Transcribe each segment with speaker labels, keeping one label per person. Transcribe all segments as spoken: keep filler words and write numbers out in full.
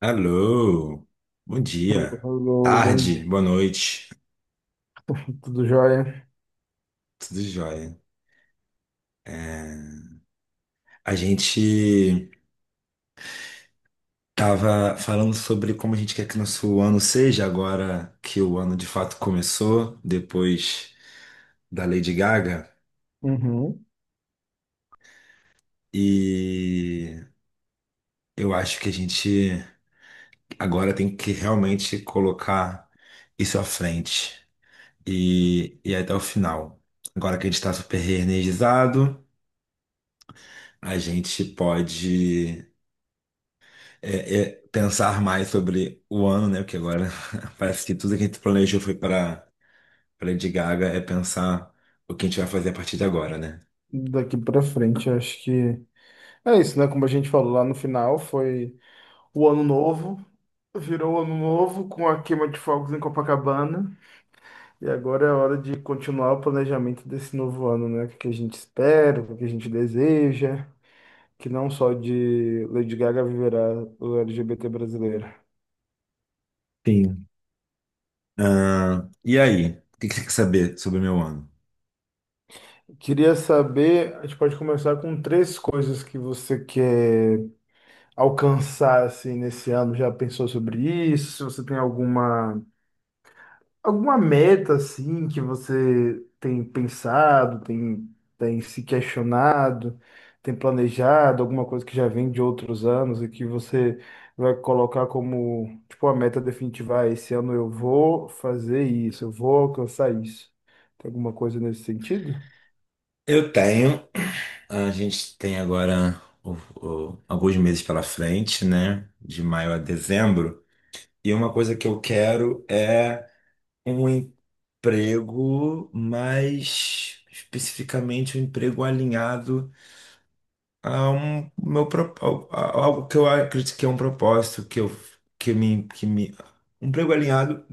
Speaker 1: Alô, bom
Speaker 2: Hello,
Speaker 1: dia,
Speaker 2: hello, bom
Speaker 1: tarde,
Speaker 2: dia,
Speaker 1: boa noite,
Speaker 2: tudo jóia?
Speaker 1: tudo jóia. É, A gente tava falando sobre como a gente quer que nosso ano seja agora que o ano de fato começou, depois da Lady Gaga,
Speaker 2: Uhum.
Speaker 1: e eu acho que a gente agora tem que realmente colocar isso à frente e, e até o final. Agora que a gente está super reenergizado, a gente pode. é, é pensar mais sobre o ano, né? Porque agora parece que tudo que a gente planejou foi para para Lady Gaga é pensar o que a gente vai fazer a partir de agora, né?
Speaker 2: Daqui pra frente, acho que é isso, né? Como a gente falou lá no final, foi o ano novo, virou o ano novo com a queima de fogos em Copacabana, e agora é a hora de continuar o planejamento desse novo ano, né? O que a gente espera, o que a gente deseja, que não só de Lady Gaga viverá o L G B T brasileiro.
Speaker 1: Sim. Ah, e aí? O que que você quer saber sobre o meu ano?
Speaker 2: Queria saber, a gente pode começar com três coisas que você quer alcançar assim nesse ano? Já pensou sobre isso? Se você tem alguma alguma meta assim que você tem pensado, tem tem se questionado, tem planejado alguma coisa que já vem de outros anos e que você vai colocar como tipo a meta definitiva, ah, esse ano eu vou fazer isso, eu vou alcançar isso. Tem alguma coisa nesse sentido?
Speaker 1: Eu tenho, a gente tem agora o- o- alguns meses pela frente, né? De maio a dezembro. E uma coisa que eu quero é um emprego, mas especificamente um emprego alinhado a um meu pro- a- a- algo que eu acredito que é um propósito que eu que me que me um emprego alinhado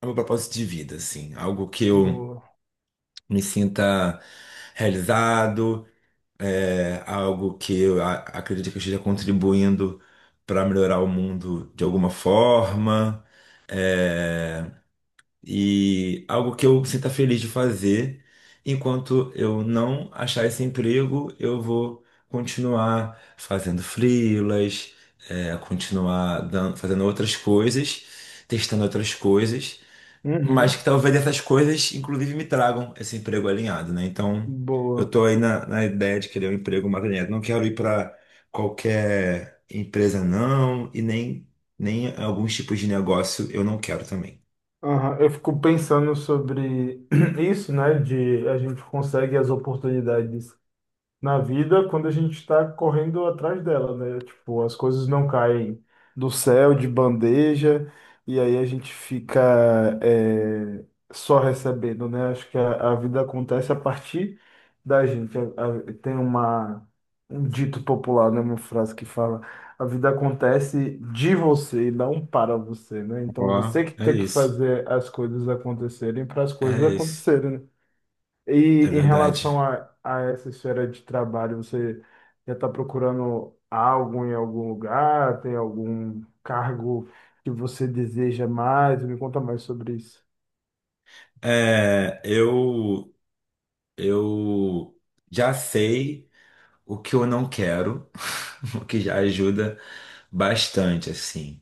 Speaker 1: é meu propósito de vida, assim, algo que eu
Speaker 2: Boa.
Speaker 1: me sinta realizado, é algo que eu a- acredito que eu esteja contribuindo para melhorar o mundo de alguma forma, é, e algo que eu sinta feliz de fazer. Enquanto eu não achar esse emprego, eu vou continuar fazendo freelas, é, continuar dan- fazendo outras coisas, testando outras coisas, mas
Speaker 2: Uhum.
Speaker 1: que talvez essas coisas, inclusive, me tragam esse emprego alinhado, né? Então, eu
Speaker 2: Boa.
Speaker 1: tô aí na, na ideia de querer um emprego mais alinhado. Não quero ir para qualquer empresa, não, e nem, nem alguns tipos de negócio eu não quero também.
Speaker 2: Aham, eu fico pensando sobre isso, né? De a gente consegue as oportunidades na vida quando a gente está correndo atrás dela, né? Tipo, as coisas não caem do céu de bandeja e aí a gente fica é, só recebendo, né? Acho que a, a vida acontece a partir da gente. A- a- tem uma, um dito popular, né? Uma frase que fala: a vida acontece de você e não para você, né? Então você
Speaker 1: Ó,
Speaker 2: que
Speaker 1: é
Speaker 2: tem que
Speaker 1: isso.
Speaker 2: fazer as coisas acontecerem para as coisas
Speaker 1: É isso.
Speaker 2: acontecerem, né? E
Speaker 1: É
Speaker 2: em
Speaker 1: verdade.
Speaker 2: relação a, a essa esfera de trabalho, você já está procurando algo em algum lugar? Tem algum cargo que você deseja mais? Me conta mais sobre isso.
Speaker 1: É, eu, eu já sei o que eu não quero, o que já ajuda bastante, assim.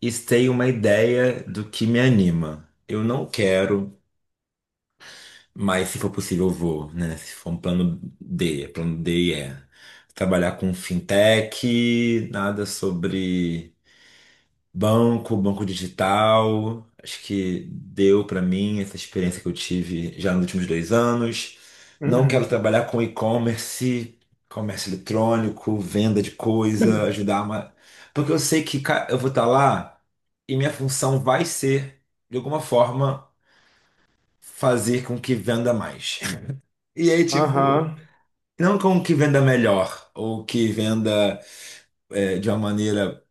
Speaker 1: E sei uma ideia do que me anima. Eu não quero, mas se for possível, eu vou, né? Se for um plano D, plano D é trabalhar com fintech, nada sobre. Banco, banco digital, acho que deu para mim essa experiência que eu tive já nos últimos dois anos. Não quero
Speaker 2: Uhum.
Speaker 1: trabalhar com e-commerce, comércio eletrônico, venda de coisa, ajudar uma... Porque eu sei que ca- eu vou estar lá e minha função vai ser, de alguma forma, fazer com que venda mais. E aí, tipo,
Speaker 2: Aham,
Speaker 1: não com que venda melhor, ou que venda é, de uma maneira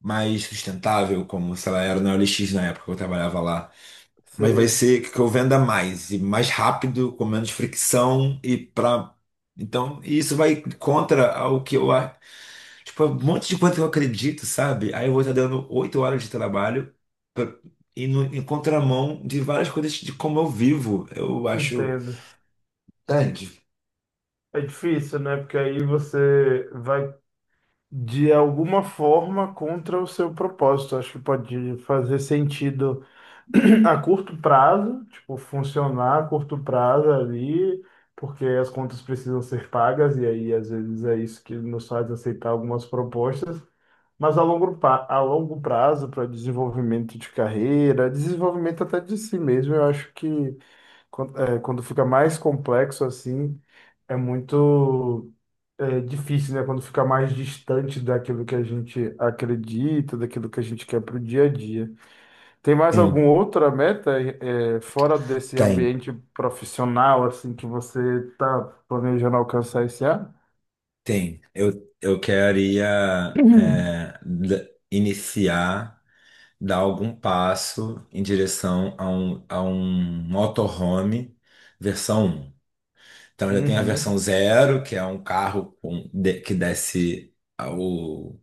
Speaker 1: mais sustentável, como, sei lá, era no O L X na época que eu trabalhava lá. Mas vai
Speaker 2: sei,
Speaker 1: ser que eu venda mais e mais rápido, com menos fricção e para então e isso vai contra o que eu a- tipo um monte de coisa que eu acredito, sabe? Aí eu vou estar dando oito horas de trabalho pra- e no, em contramão de várias coisas de como eu vivo. Eu acho.
Speaker 2: entendo.
Speaker 1: Entende?
Speaker 2: É difícil, né? Porque aí você vai de alguma forma contra o seu propósito. Acho que pode fazer sentido a curto prazo, tipo, funcionar a curto prazo ali, porque as contas precisam ser pagas, e aí às vezes é isso que nos faz aceitar algumas propostas, mas a longo, pa- a longo prazo, para desenvolvimento de carreira, desenvolvimento até de si mesmo, eu acho que quando, é, quando fica mais complexo assim, é muito. É difícil, né? Quando fica mais distante daquilo que a gente acredita, daquilo que a gente quer para o dia a dia. Tem mais
Speaker 1: Sim,
Speaker 2: alguma outra meta eh, eh, fora desse
Speaker 1: tem,
Speaker 2: ambiente profissional assim que você está planejando alcançar esse ano?
Speaker 1: tem. Eu, eu queria
Speaker 2: Uhum.
Speaker 1: é, da- iniciar dar algum passo em direção a um, a um motorhome versão um. Então já tem a
Speaker 2: Uhum.
Speaker 1: versão zero que é um carro com- de- que desce a- o,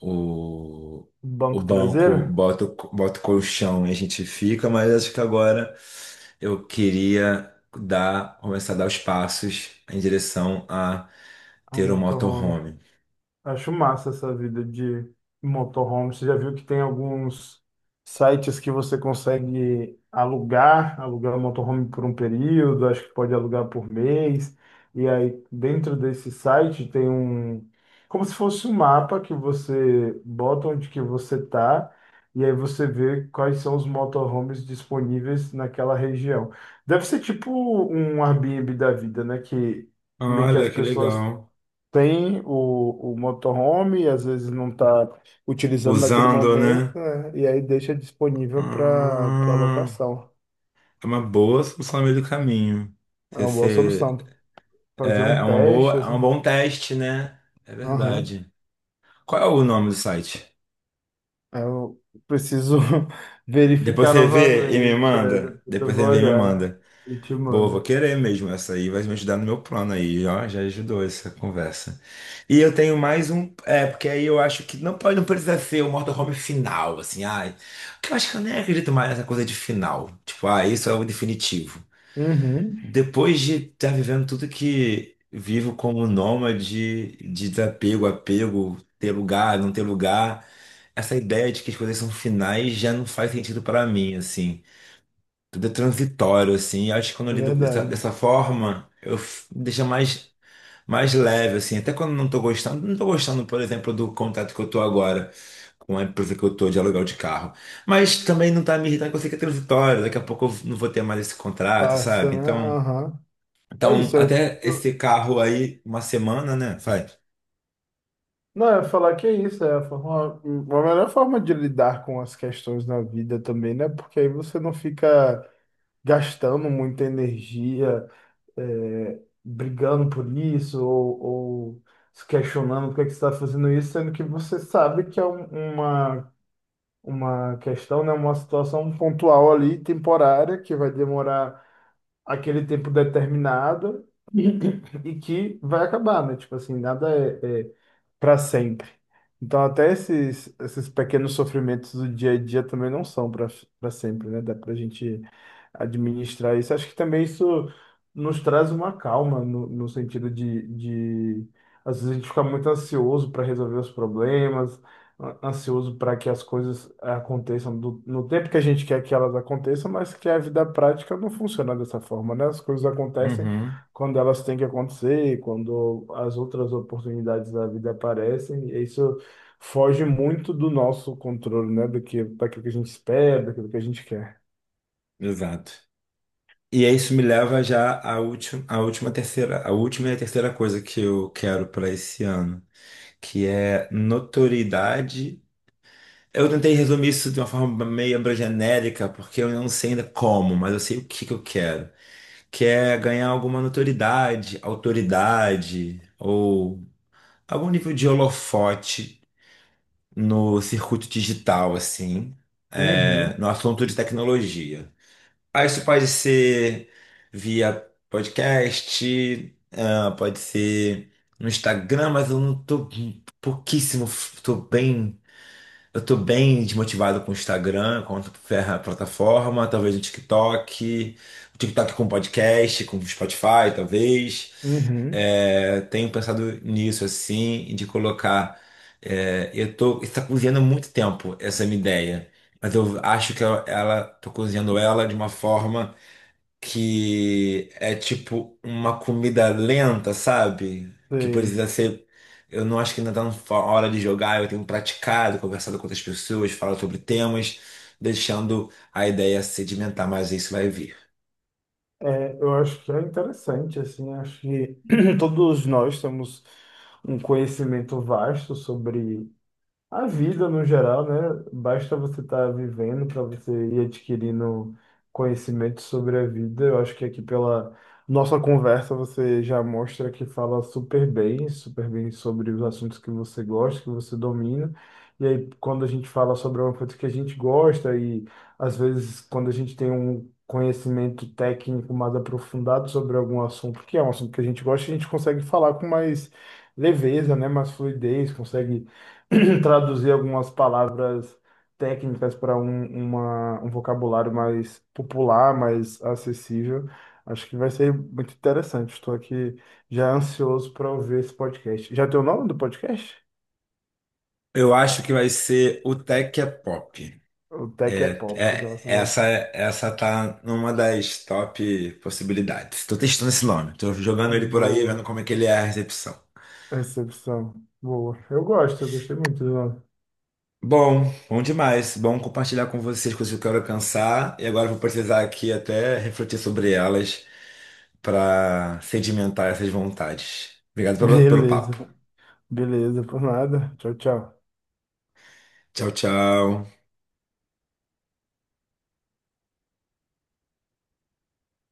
Speaker 1: o, o
Speaker 2: Banco
Speaker 1: banco,
Speaker 2: traseiro?
Speaker 1: bota, o co- bota o colchão e a gente fica, mas acho que agora eu queria dar, começar a dar os passos em direção a
Speaker 2: Um
Speaker 1: ter um
Speaker 2: motorhome.
Speaker 1: motorhome.
Speaker 2: Acho massa essa vida de motorhome. Você já viu que tem alguns sites que você consegue alugar, alugar o motorhome por um período, acho que pode alugar por mês. E aí, dentro desse site, tem um, como se fosse um mapa que você bota onde que você tá, e aí você vê quais são os motorhomes disponíveis naquela região. Deve ser tipo um Airbnb da vida, né? Que meio que as
Speaker 1: Olha, que
Speaker 2: pessoas
Speaker 1: legal.
Speaker 2: tem o, o motorhome, e às vezes não está utilizando naquele
Speaker 1: Usando,
Speaker 2: momento,
Speaker 1: né?
Speaker 2: né? E aí deixa disponível para para
Speaker 1: Ah.
Speaker 2: locação.
Speaker 1: É uma boa solução no meio do caminho.
Speaker 2: É
Speaker 1: Você,
Speaker 2: uma boa
Speaker 1: você-
Speaker 2: solução. Fazer
Speaker 1: é, é
Speaker 2: um
Speaker 1: uma
Speaker 2: teste,
Speaker 1: boa, é
Speaker 2: assim.
Speaker 1: um bom teste, né? É
Speaker 2: Aham.
Speaker 1: verdade. Qual é o nome do site?
Speaker 2: Eu preciso
Speaker 1: Depois
Speaker 2: verificar
Speaker 1: você vê e me
Speaker 2: novamente. É,
Speaker 1: manda.
Speaker 2: depois eu
Speaker 1: Depois
Speaker 2: vou
Speaker 1: você vê e me
Speaker 2: olhar
Speaker 1: manda.
Speaker 2: e te
Speaker 1: Boa, vou
Speaker 2: mando.
Speaker 1: querer mesmo essa aí, vai me ajudar no meu plano aí, ó, já ajudou essa conversa. E eu tenho mais um, é, porque aí eu acho que não pode, não precisa ser o motorhome final, assim, ai. Porque eu acho que eu nem acredito mais nessa coisa de final. Tipo, ah, isso é o definitivo.
Speaker 2: Uhum,
Speaker 1: Depois de estar vivendo tudo que vivo como nômade, de desapego, apego, ter lugar, não ter lugar, essa ideia de que as coisas são finais já não faz sentido para mim, assim. Tudo é transitório, assim. E acho que quando eu
Speaker 2: é
Speaker 1: lido dessa, dessa
Speaker 2: verdade.
Speaker 1: forma, eu f- deixa mais, mais leve, assim. Até quando não tô gostando, não tô gostando, por exemplo, do contato que eu tô agora com a empresa que eu tô de aluguel de carro. Mas também não tá me irritando, porque eu sei que é transitório, daqui a pouco eu não vou ter mais esse contrato,
Speaker 2: Passa,
Speaker 1: sabe?
Speaker 2: né?
Speaker 1: Então.
Speaker 2: Aham. É
Speaker 1: Então,
Speaker 2: isso. é-
Speaker 1: até esse carro aí, uma semana, né? Faz.
Speaker 2: Não, eu ia falar que é isso, é a forma, a melhor forma de lidar com as questões na vida também, né? Porque aí você não fica gastando muita energia, é, brigando por isso, ou, ou se questionando por que que você está fazendo isso, sendo que você sabe que é um- uma, uma questão, né? Uma situação pontual ali, temporária, que vai demorar aquele tempo determinado e que vai acabar, né? Tipo assim, nada é, é para sempre. Então, até esses, esses pequenos sofrimentos do dia a dia também não são para para sempre, né? Dá para a gente administrar isso. Acho que também isso nos traz uma calma, no, no sentido de, de. Às vezes a gente fica muito ansioso para resolver os problemas, an- ansioso para que as coisas aconteçam do- no tempo que a gente quer que elas aconteçam, mas que a vida prática não funciona dessa forma, né? As coisas acontecem
Speaker 1: Uhum.
Speaker 2: quando elas têm que acontecer, quando as outras oportunidades da vida aparecem, e isso foge muito do nosso controle, né? Do que, daquilo que a gente espera, daquilo que a gente quer.
Speaker 1: Exato. E aí isso me leva já à última, à última terceira, a última e a terceira coisa que eu quero para esse ano, que é notoriedade. Eu tentei resumir isso de uma forma meio genérica, porque eu não sei ainda como, mas eu sei o que que eu quero, que é ganhar alguma notoriedade, autoridade ou algum nível de holofote no circuito digital, assim, é,
Speaker 2: Uhum,
Speaker 1: no assunto de tecnologia. Ah, isso pode ser via podcast, ah, pode ser no Instagram, mas eu não tô pouquíssimo, tô bem, eu tô bem desmotivado com o Instagram, com a ferra- plataforma, talvez no TikTok, o TikTok com podcast, com Spotify, talvez.
Speaker 2: uhum,
Speaker 1: É, tenho pensado nisso, assim, de colocar. é, eu tô, está cozinhando há muito tempo essa minha ideia, mas eu acho que ela, ela, tô cozinhando ela de uma forma que é tipo uma comida lenta, sabe? Que
Speaker 2: sei.
Speaker 1: precisa ser. Eu não acho que ainda tá na hora de jogar, eu tenho praticado, conversado com outras pessoas, falado sobre temas, deixando a ideia sedimentar, mas isso vai vir.
Speaker 2: É, eu acho que é interessante, assim, acho que todos nós temos um conhecimento vasto sobre a vida no geral, né? Basta você estar vivendo para você ir adquirindo conhecimento sobre a vida. Eu acho que aqui pela nossa conversa você já mostra que fala super bem, super bem sobre os assuntos que você gosta, que você domina. E aí, quando a gente fala sobre uma coisa que a gente gosta, e às vezes quando a gente tem um conhecimento técnico mais aprofundado sobre algum assunto, que é um assunto que a gente gosta, a gente consegue falar com mais leveza, né? Mais fluidez, consegue traduzir algumas palavras técnicas para um, uma- um vocabulário mais popular, mais acessível. Acho que vai ser muito interessante. Estou aqui já ansioso para ouvir esse podcast. Já tem o nome do podcast?
Speaker 1: Eu acho que vai ser o Tech é Pop.
Speaker 2: O Tech é
Speaker 1: É,
Speaker 2: Pop.
Speaker 1: é,
Speaker 2: Nossa, boa,
Speaker 1: essa, essa tá numa das top possibilidades. Tô testando esse nome, tô jogando ele por aí,
Speaker 2: boa
Speaker 1: vendo como é que ele é a recepção.
Speaker 2: recepção. Boa. Eu gosto, eu gostei muito do nome.
Speaker 1: Bom, bom demais. Bom compartilhar com vocês coisas que eu quero alcançar. E agora eu vou precisar aqui até refletir sobre elas para sedimentar essas vontades. Obrigado pelo, pelo papo.
Speaker 2: Beleza, beleza, por nada. Tchau, tchau.
Speaker 1: Tchau, tchau.